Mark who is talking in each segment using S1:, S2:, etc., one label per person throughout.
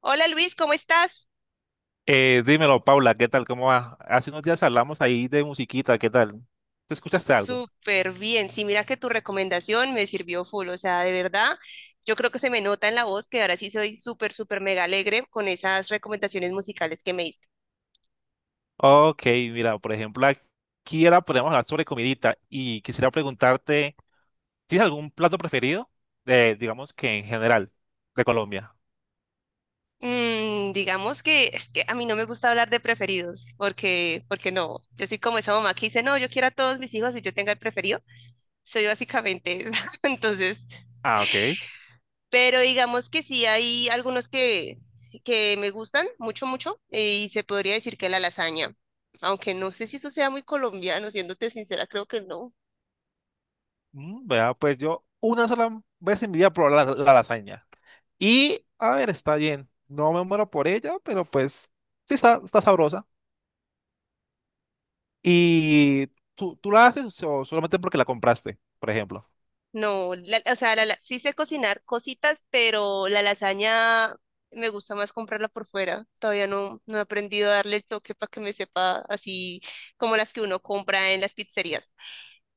S1: Hola Luis, ¿cómo estás?
S2: Dímelo, Paula, ¿qué tal? ¿Cómo va? Hace unos días hablamos ahí de musiquita, ¿qué tal? ¿Te escuchaste algo?
S1: Súper bien. Sí, mira que tu recomendación me sirvió full. O sea, de verdad, yo creo que se me nota en la voz que ahora sí soy súper, súper mega alegre con esas recomendaciones musicales que me diste.
S2: Ok, mira, por ejemplo, aquí ahora podemos hablar sobre comidita y quisiera preguntarte, ¿tienes algún plato preferido? Digamos que en general, de Colombia.
S1: Digamos que es que a mí no me gusta hablar de preferidos, porque no. Yo soy como esa mamá que dice, no, yo quiero a todos mis hijos y yo tenga el preferido. Soy básicamente esa. Entonces,
S2: Ah, ok.
S1: pero digamos que sí hay algunos que me gustan mucho, y se podría decir que la lasaña, aunque no sé si eso sea muy colombiano, siéndote sincera, creo que no.
S2: Mm, vea, pues yo una sola vez en mi vida probé la lasaña. Y, a ver, está bien. No me muero por ella, pero pues sí está, está sabrosa. ¿Y tú la haces o solamente porque la compraste, por ejemplo?
S1: No, sí sé cocinar cositas, pero la lasaña me gusta más comprarla por fuera. Todavía no he aprendido a darle el toque para que me sepa así como las que uno compra en las pizzerías.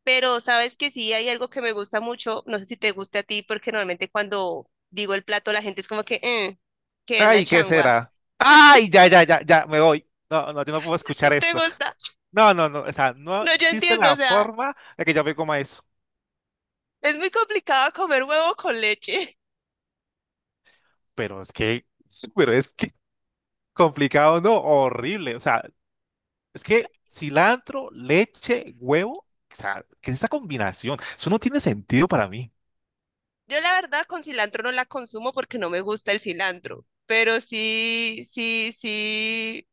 S1: Pero sabes que sí hay algo que me gusta mucho, no sé si te guste a ti, porque normalmente cuando digo el plato la gente es como que, "Mm, ¿qué es la
S2: Ay, ¿qué
S1: changua?"
S2: será? Ay, ya, ya, ya, ya, me voy. No, no, yo no puedo
S1: ¿No
S2: escuchar
S1: te
S2: esto.
S1: gusta?
S2: No, no, no, o sea, no
S1: No, yo
S2: existe
S1: entiendo, o
S2: la
S1: sea,
S2: forma de que yo me coma eso.
S1: es muy complicado comer huevo con leche.
S2: Pero es que, sí, pero es que complicado, no, horrible. O sea, es que cilantro, leche, huevo, o sea, ¿qué es esa combinación? Eso no tiene sentido para mí.
S1: Yo la verdad con cilantro no la consumo porque no me gusta el cilantro, pero sí, sí, sí.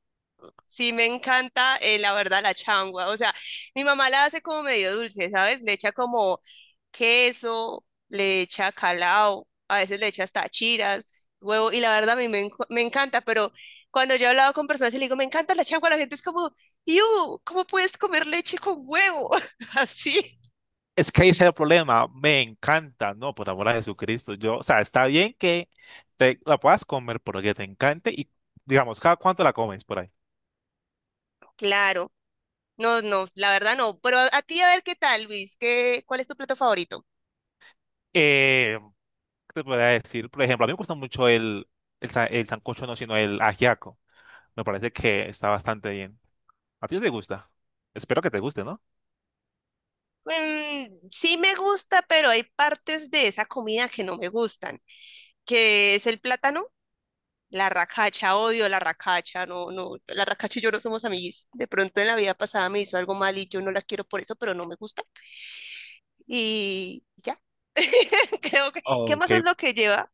S1: Sí, me encanta, la verdad, la changua. O sea, mi mamá la hace como medio dulce, ¿sabes? Le echa como queso, le echa calao, a veces le echa hasta chiras, huevo, y la verdad a me encanta, pero cuando yo he hablado con personas y le digo, me encanta la changua, la gente es como, ¡Iu! ¿Cómo puedes comer leche con huevo? Así.
S2: Es que ese es el problema, me encanta, no, por amor a Jesucristo. Yo, o sea, está bien que te la puedas comer porque te encante y, digamos, cada cuánto la comes por ahí.
S1: Claro. No, no, la verdad no. Pero a ti a ver qué tal, Luis, ¿qué, cuál es tu plato favorito?
S2: Eh, ¿Te podría decir? Por ejemplo, a mí me gusta mucho el sancocho, no, sino el ajiaco. Me parece que está bastante bien. ¿A ti te gusta? Espero que te guste, ¿no?
S1: Mm, sí me gusta, pero hay partes de esa comida que no me gustan, que es el plátano, la racacha, odio la racacha, no, no, la racacha y yo no somos amiguis. De pronto en la vida pasada me hizo algo mal y yo no la quiero por eso, pero no me gusta. Y ya. Creo que, ¿qué más
S2: Ok.
S1: es lo que lleva?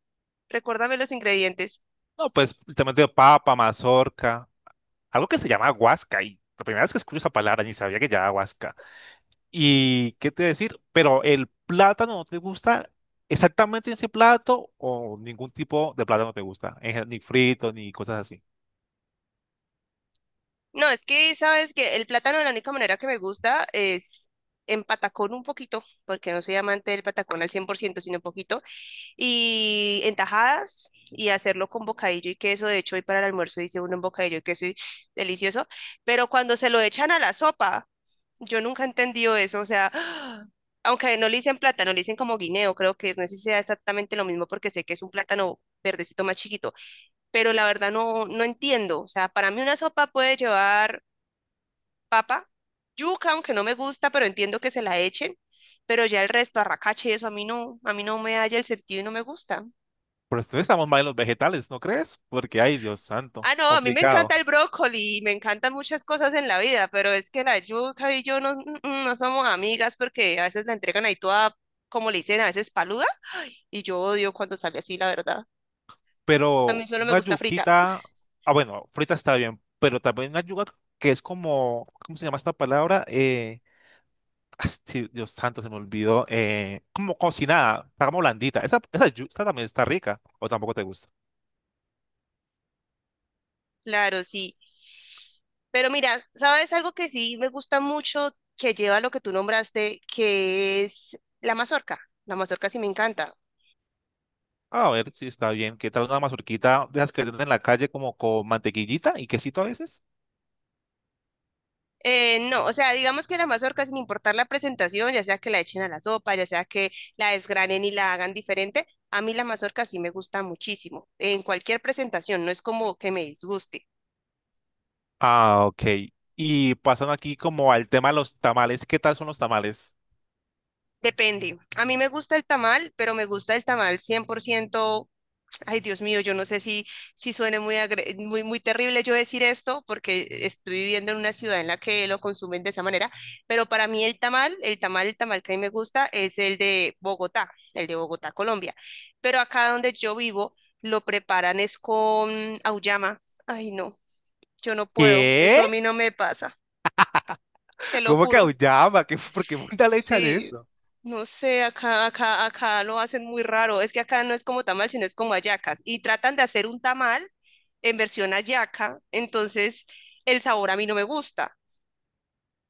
S1: Recuérdame los ingredientes.
S2: No, pues justamente papa, mazorca, algo que se llama guasca. Y la primera vez que escucho esa palabra ni sabía que llamaba guasca. ¿Y qué te decir? Pero el plátano no te gusta exactamente ese plato o ningún tipo de plátano te gusta, en gen- ni frito ni cosas así.
S1: No, es que sabes que el plátano, la única manera que me gusta es en patacón un poquito, porque no soy amante del patacón al 100% sino un poquito, y en tajadas y hacerlo con bocadillo y queso. De hecho, hoy para el almuerzo hice uno en bocadillo y queso y delicioso. Pero cuando se lo echan a la sopa, yo nunca he entendido eso. O sea, aunque no le dicen plátano, le dicen como guineo, creo que es, no sé si sea exactamente lo mismo porque sé que es un plátano verdecito más chiquito, pero la verdad no entiendo. O sea, para mí una sopa puede llevar papa, yuca, aunque no me gusta, pero entiendo que se la echen, pero ya el resto, arracache y eso a mí no me halla el sentido y no me gusta.
S2: Pero entonces estamos mal en los vegetales, ¿no crees? Porque, ay, Dios santo,
S1: Ah, no, a mí me
S2: complicado.
S1: encanta el brócoli y me encantan muchas cosas en la vida, pero es que la yuca y yo no, no somos amigas porque a veces la entregan ahí toda, como le dicen, a veces paluda y yo odio cuando sale así, la verdad. A mí
S2: Pero
S1: solo me
S2: una
S1: gusta frita,
S2: yuquita, ah, bueno, frita está bien, pero también una yuca que es como, ¿cómo se llama esta palabra? Ah, sí, Dios santo, se me olvidó. Como cocinada, está como blandita. Esa yuca también está rica, o tampoco te gusta.
S1: claro, sí. Pero mira, ¿sabes algo que sí me gusta mucho que lleva lo que tú nombraste, que es la mazorca? La mazorca sí me encanta.
S2: A ver, sí, está bien. ¿Qué tal una mazurquita de esas que venden en la calle como con mantequillita y quesito a veces?
S1: No, o sea, digamos que la mazorca, sin importar la presentación, ya sea que la echen a la sopa, ya sea que la desgranen y la hagan diferente, a mí la mazorca sí me gusta muchísimo, en cualquier presentación, no es como que me disguste.
S2: Ah, ok. Y pasando aquí como al tema de los tamales. ¿Qué tal son los tamales?
S1: Depende. A mí me gusta el tamal, pero me gusta el tamal 100%. Ay, Dios mío, yo no sé si suene muy, muy terrible yo decir esto, porque estoy viviendo en una ciudad en la que lo consumen de esa manera, pero para mí el tamal que a mí me gusta es el de Bogotá, Colombia. Pero acá donde yo vivo, lo preparan es con auyama. Ay, no, yo no puedo,
S2: ¿Qué?
S1: eso a mí no me pasa, te lo
S2: ¿Cómo que
S1: juro.
S2: auyama? ¿Qué, ¿Por qué puta le echan
S1: Sí,
S2: eso?
S1: no sé, acá lo hacen muy raro. Es que acá no es como tamal, sino es como hallacas. Y tratan de hacer un tamal en versión hallaca, entonces el sabor a mí no me gusta.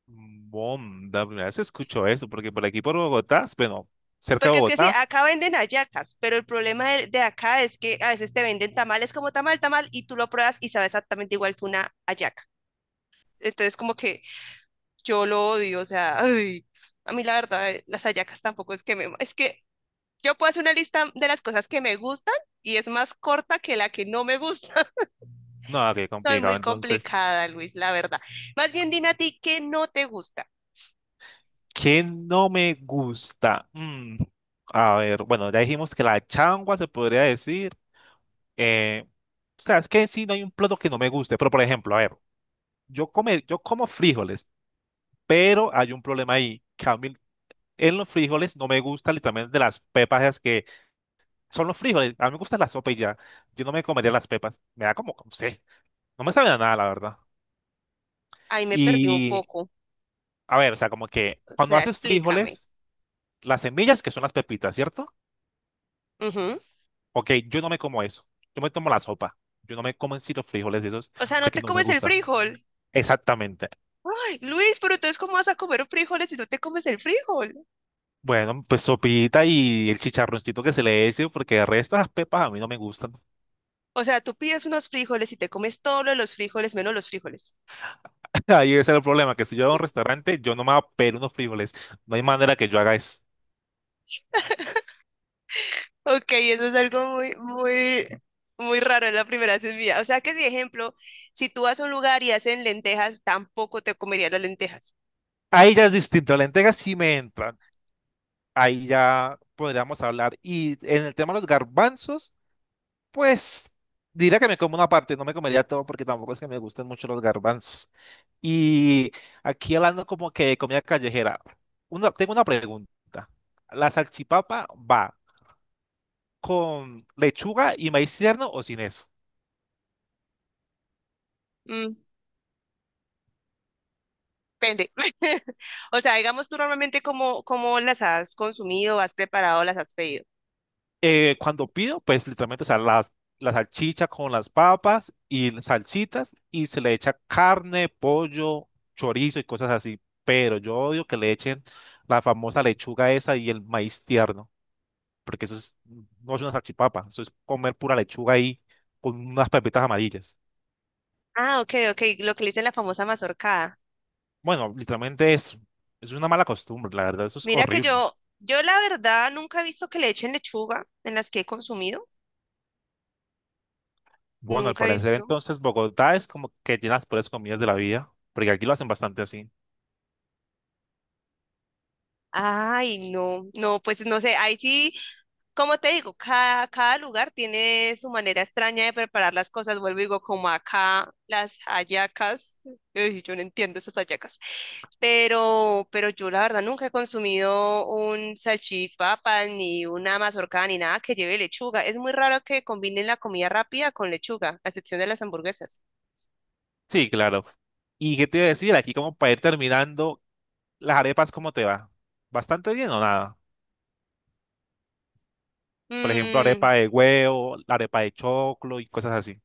S2: Bom, primera vez escucho eso, porque por aquí por Bogotá, bueno, cerca de
S1: Porque es que sí,
S2: Bogotá,
S1: acá venden hallacas, pero el problema de acá es que a veces te venden tamales como tamal, tamal, y tú lo pruebas y sabe exactamente igual que una hallaca. Entonces como que yo lo odio, o sea, ay, a mí la verdad, las hallacas tampoco es que me... Es que yo puedo hacer una lista de las cosas que me gustan y es más corta que la que no me gusta.
S2: no, ah, qué
S1: Soy muy
S2: complicado. Entonces,
S1: complicada, Luis, la verdad. Más bien dime a ti qué no te gusta.
S2: ¿qué no me gusta? Mm, a ver, bueno, ya dijimos que la changua se podría decir. Eh, o sea, es que sí, no hay un plato que no me guste, pero por ejemplo, a ver, yo, come, yo como frijoles, pero hay un problema ahí, que a mí en los frijoles no me gusta literalmente las pepas, esas que son los frijoles. A mí me gusta la sopa y ya. Yo no me comería las pepas. Me da como, no sé, no me sabe a nada, la verdad.
S1: Ahí me perdí un
S2: Y,
S1: poco.
S2: a ver, o sea, como que
S1: O
S2: cuando
S1: sea,
S2: haces
S1: explícame.
S2: frijoles, las semillas, que son las pepitas, ¿cierto?
S1: Ujú.
S2: Ok, yo no me como eso. Yo me tomo la sopa. Yo no me como en sí los frijoles y esos
S1: O sea, no
S2: porque
S1: te
S2: no me
S1: comes el
S2: gusta.
S1: frijol.
S2: Exactamente.
S1: Ay, Luis, pero entonces, ¿cómo vas a comer frijoles si no te comes el frijol?
S2: Bueno, pues sopita y el chicharroncito que se le eche, porque el resto de las pepas a mí no me gustan.
S1: O sea, tú pides unos frijoles y te comes todos los frijoles menos los frijoles.
S2: Ahí ese es el problema, que si yo voy a un restaurante, yo no me voy a pedir unos frijoles. No hay manera que yo haga eso.
S1: Ok, eso es algo muy raro, es la primera vez en mi vida. O sea que, si ejemplo, si tú vas a un lugar y hacen lentejas, tampoco te comerías las lentejas.
S2: Ahí ya es distinto, la entrega sí me entra. Ahí ya podríamos hablar. Y en el tema de los garbanzos. Pues diría que me como una parte, no me comería todo porque tampoco es que me gusten mucho los garbanzos. Y aquí hablando como que de comida callejera, tengo una pregunta. ¿La salchipapa va con lechuga y maíz tierno o sin eso?
S1: Mm, depende. O sea, digamos tú normalmente cómo las has consumido, has preparado, las has pedido.
S2: Cuando pido, pues literalmente, o sea, la salchicha con las papas y las salsitas y se le echa carne, pollo, chorizo y cosas así. Pero yo odio que le echen la famosa lechuga esa y el maíz tierno, porque eso es, no es una salchipapa, eso es comer pura lechuga ahí con unas pepitas amarillas.
S1: Ah, ok, ok, lo que le dicen la famosa mazorcada.
S2: Bueno, literalmente eso, es una mala costumbre, la verdad, eso es
S1: Mira que
S2: horrible.
S1: yo la verdad nunca he visto que le echen lechuga en las que he consumido.
S2: Bueno, al
S1: Nunca he
S2: parecer
S1: visto.
S2: entonces Bogotá es como que tiene las peores comidas de la vida, porque aquí lo hacen bastante así.
S1: Ay, no, no, pues no sé, ahí sí, como te digo, cada lugar tiene su manera extraña de preparar las cosas. Vuelvo y digo, como acá las hallacas, ey, yo no entiendo esas hallacas, pero yo la verdad nunca he consumido un salchipapa, ni una mazorca, ni nada que lleve lechuga. Es muy raro que combinen la comida rápida con lechuga, a excepción de las hamburguesas.
S2: Sí, claro. ¿Y qué te iba a decir? Aquí como para ir terminando, las arepas, ¿cómo te va? ¿Bastante bien o nada? Por ejemplo,
S1: Mm,
S2: arepa de huevo, la arepa de choclo y cosas así.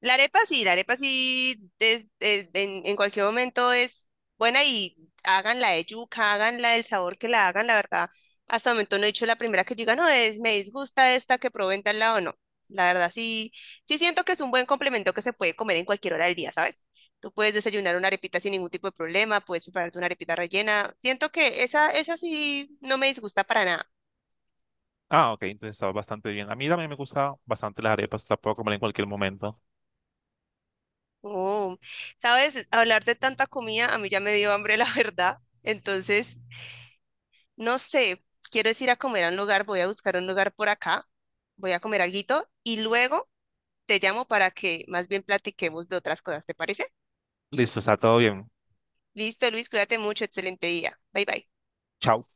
S1: la arepa sí, en cualquier momento es buena y háganla de yuca, háganla del sabor que la hagan, la verdad. Hasta el momento no he dicho la primera que diga, no, es, me disgusta esta que probé en tal lado, no. La verdad sí, sí siento que es un buen complemento que se puede comer en cualquier hora del día, ¿sabes? Tú puedes desayunar una arepita sin ningún tipo de problema, puedes prepararte una arepita rellena. Siento que esa sí no me disgusta para nada.
S2: Ah, ok, entonces estaba bastante bien. A mí también me gustan bastante las arepas, las puedo comer en cualquier momento.
S1: Oh, sabes, hablar de tanta comida a mí ya me dio hambre, la verdad. Entonces, no sé, quiero es ir a comer a un lugar, voy a buscar un lugar por acá, voy a comer alguito y luego te llamo para que más bien platiquemos de otras cosas, ¿te parece?
S2: Listo, está todo bien.
S1: Listo, Luis, cuídate mucho, excelente día. Bye bye.
S2: Chao.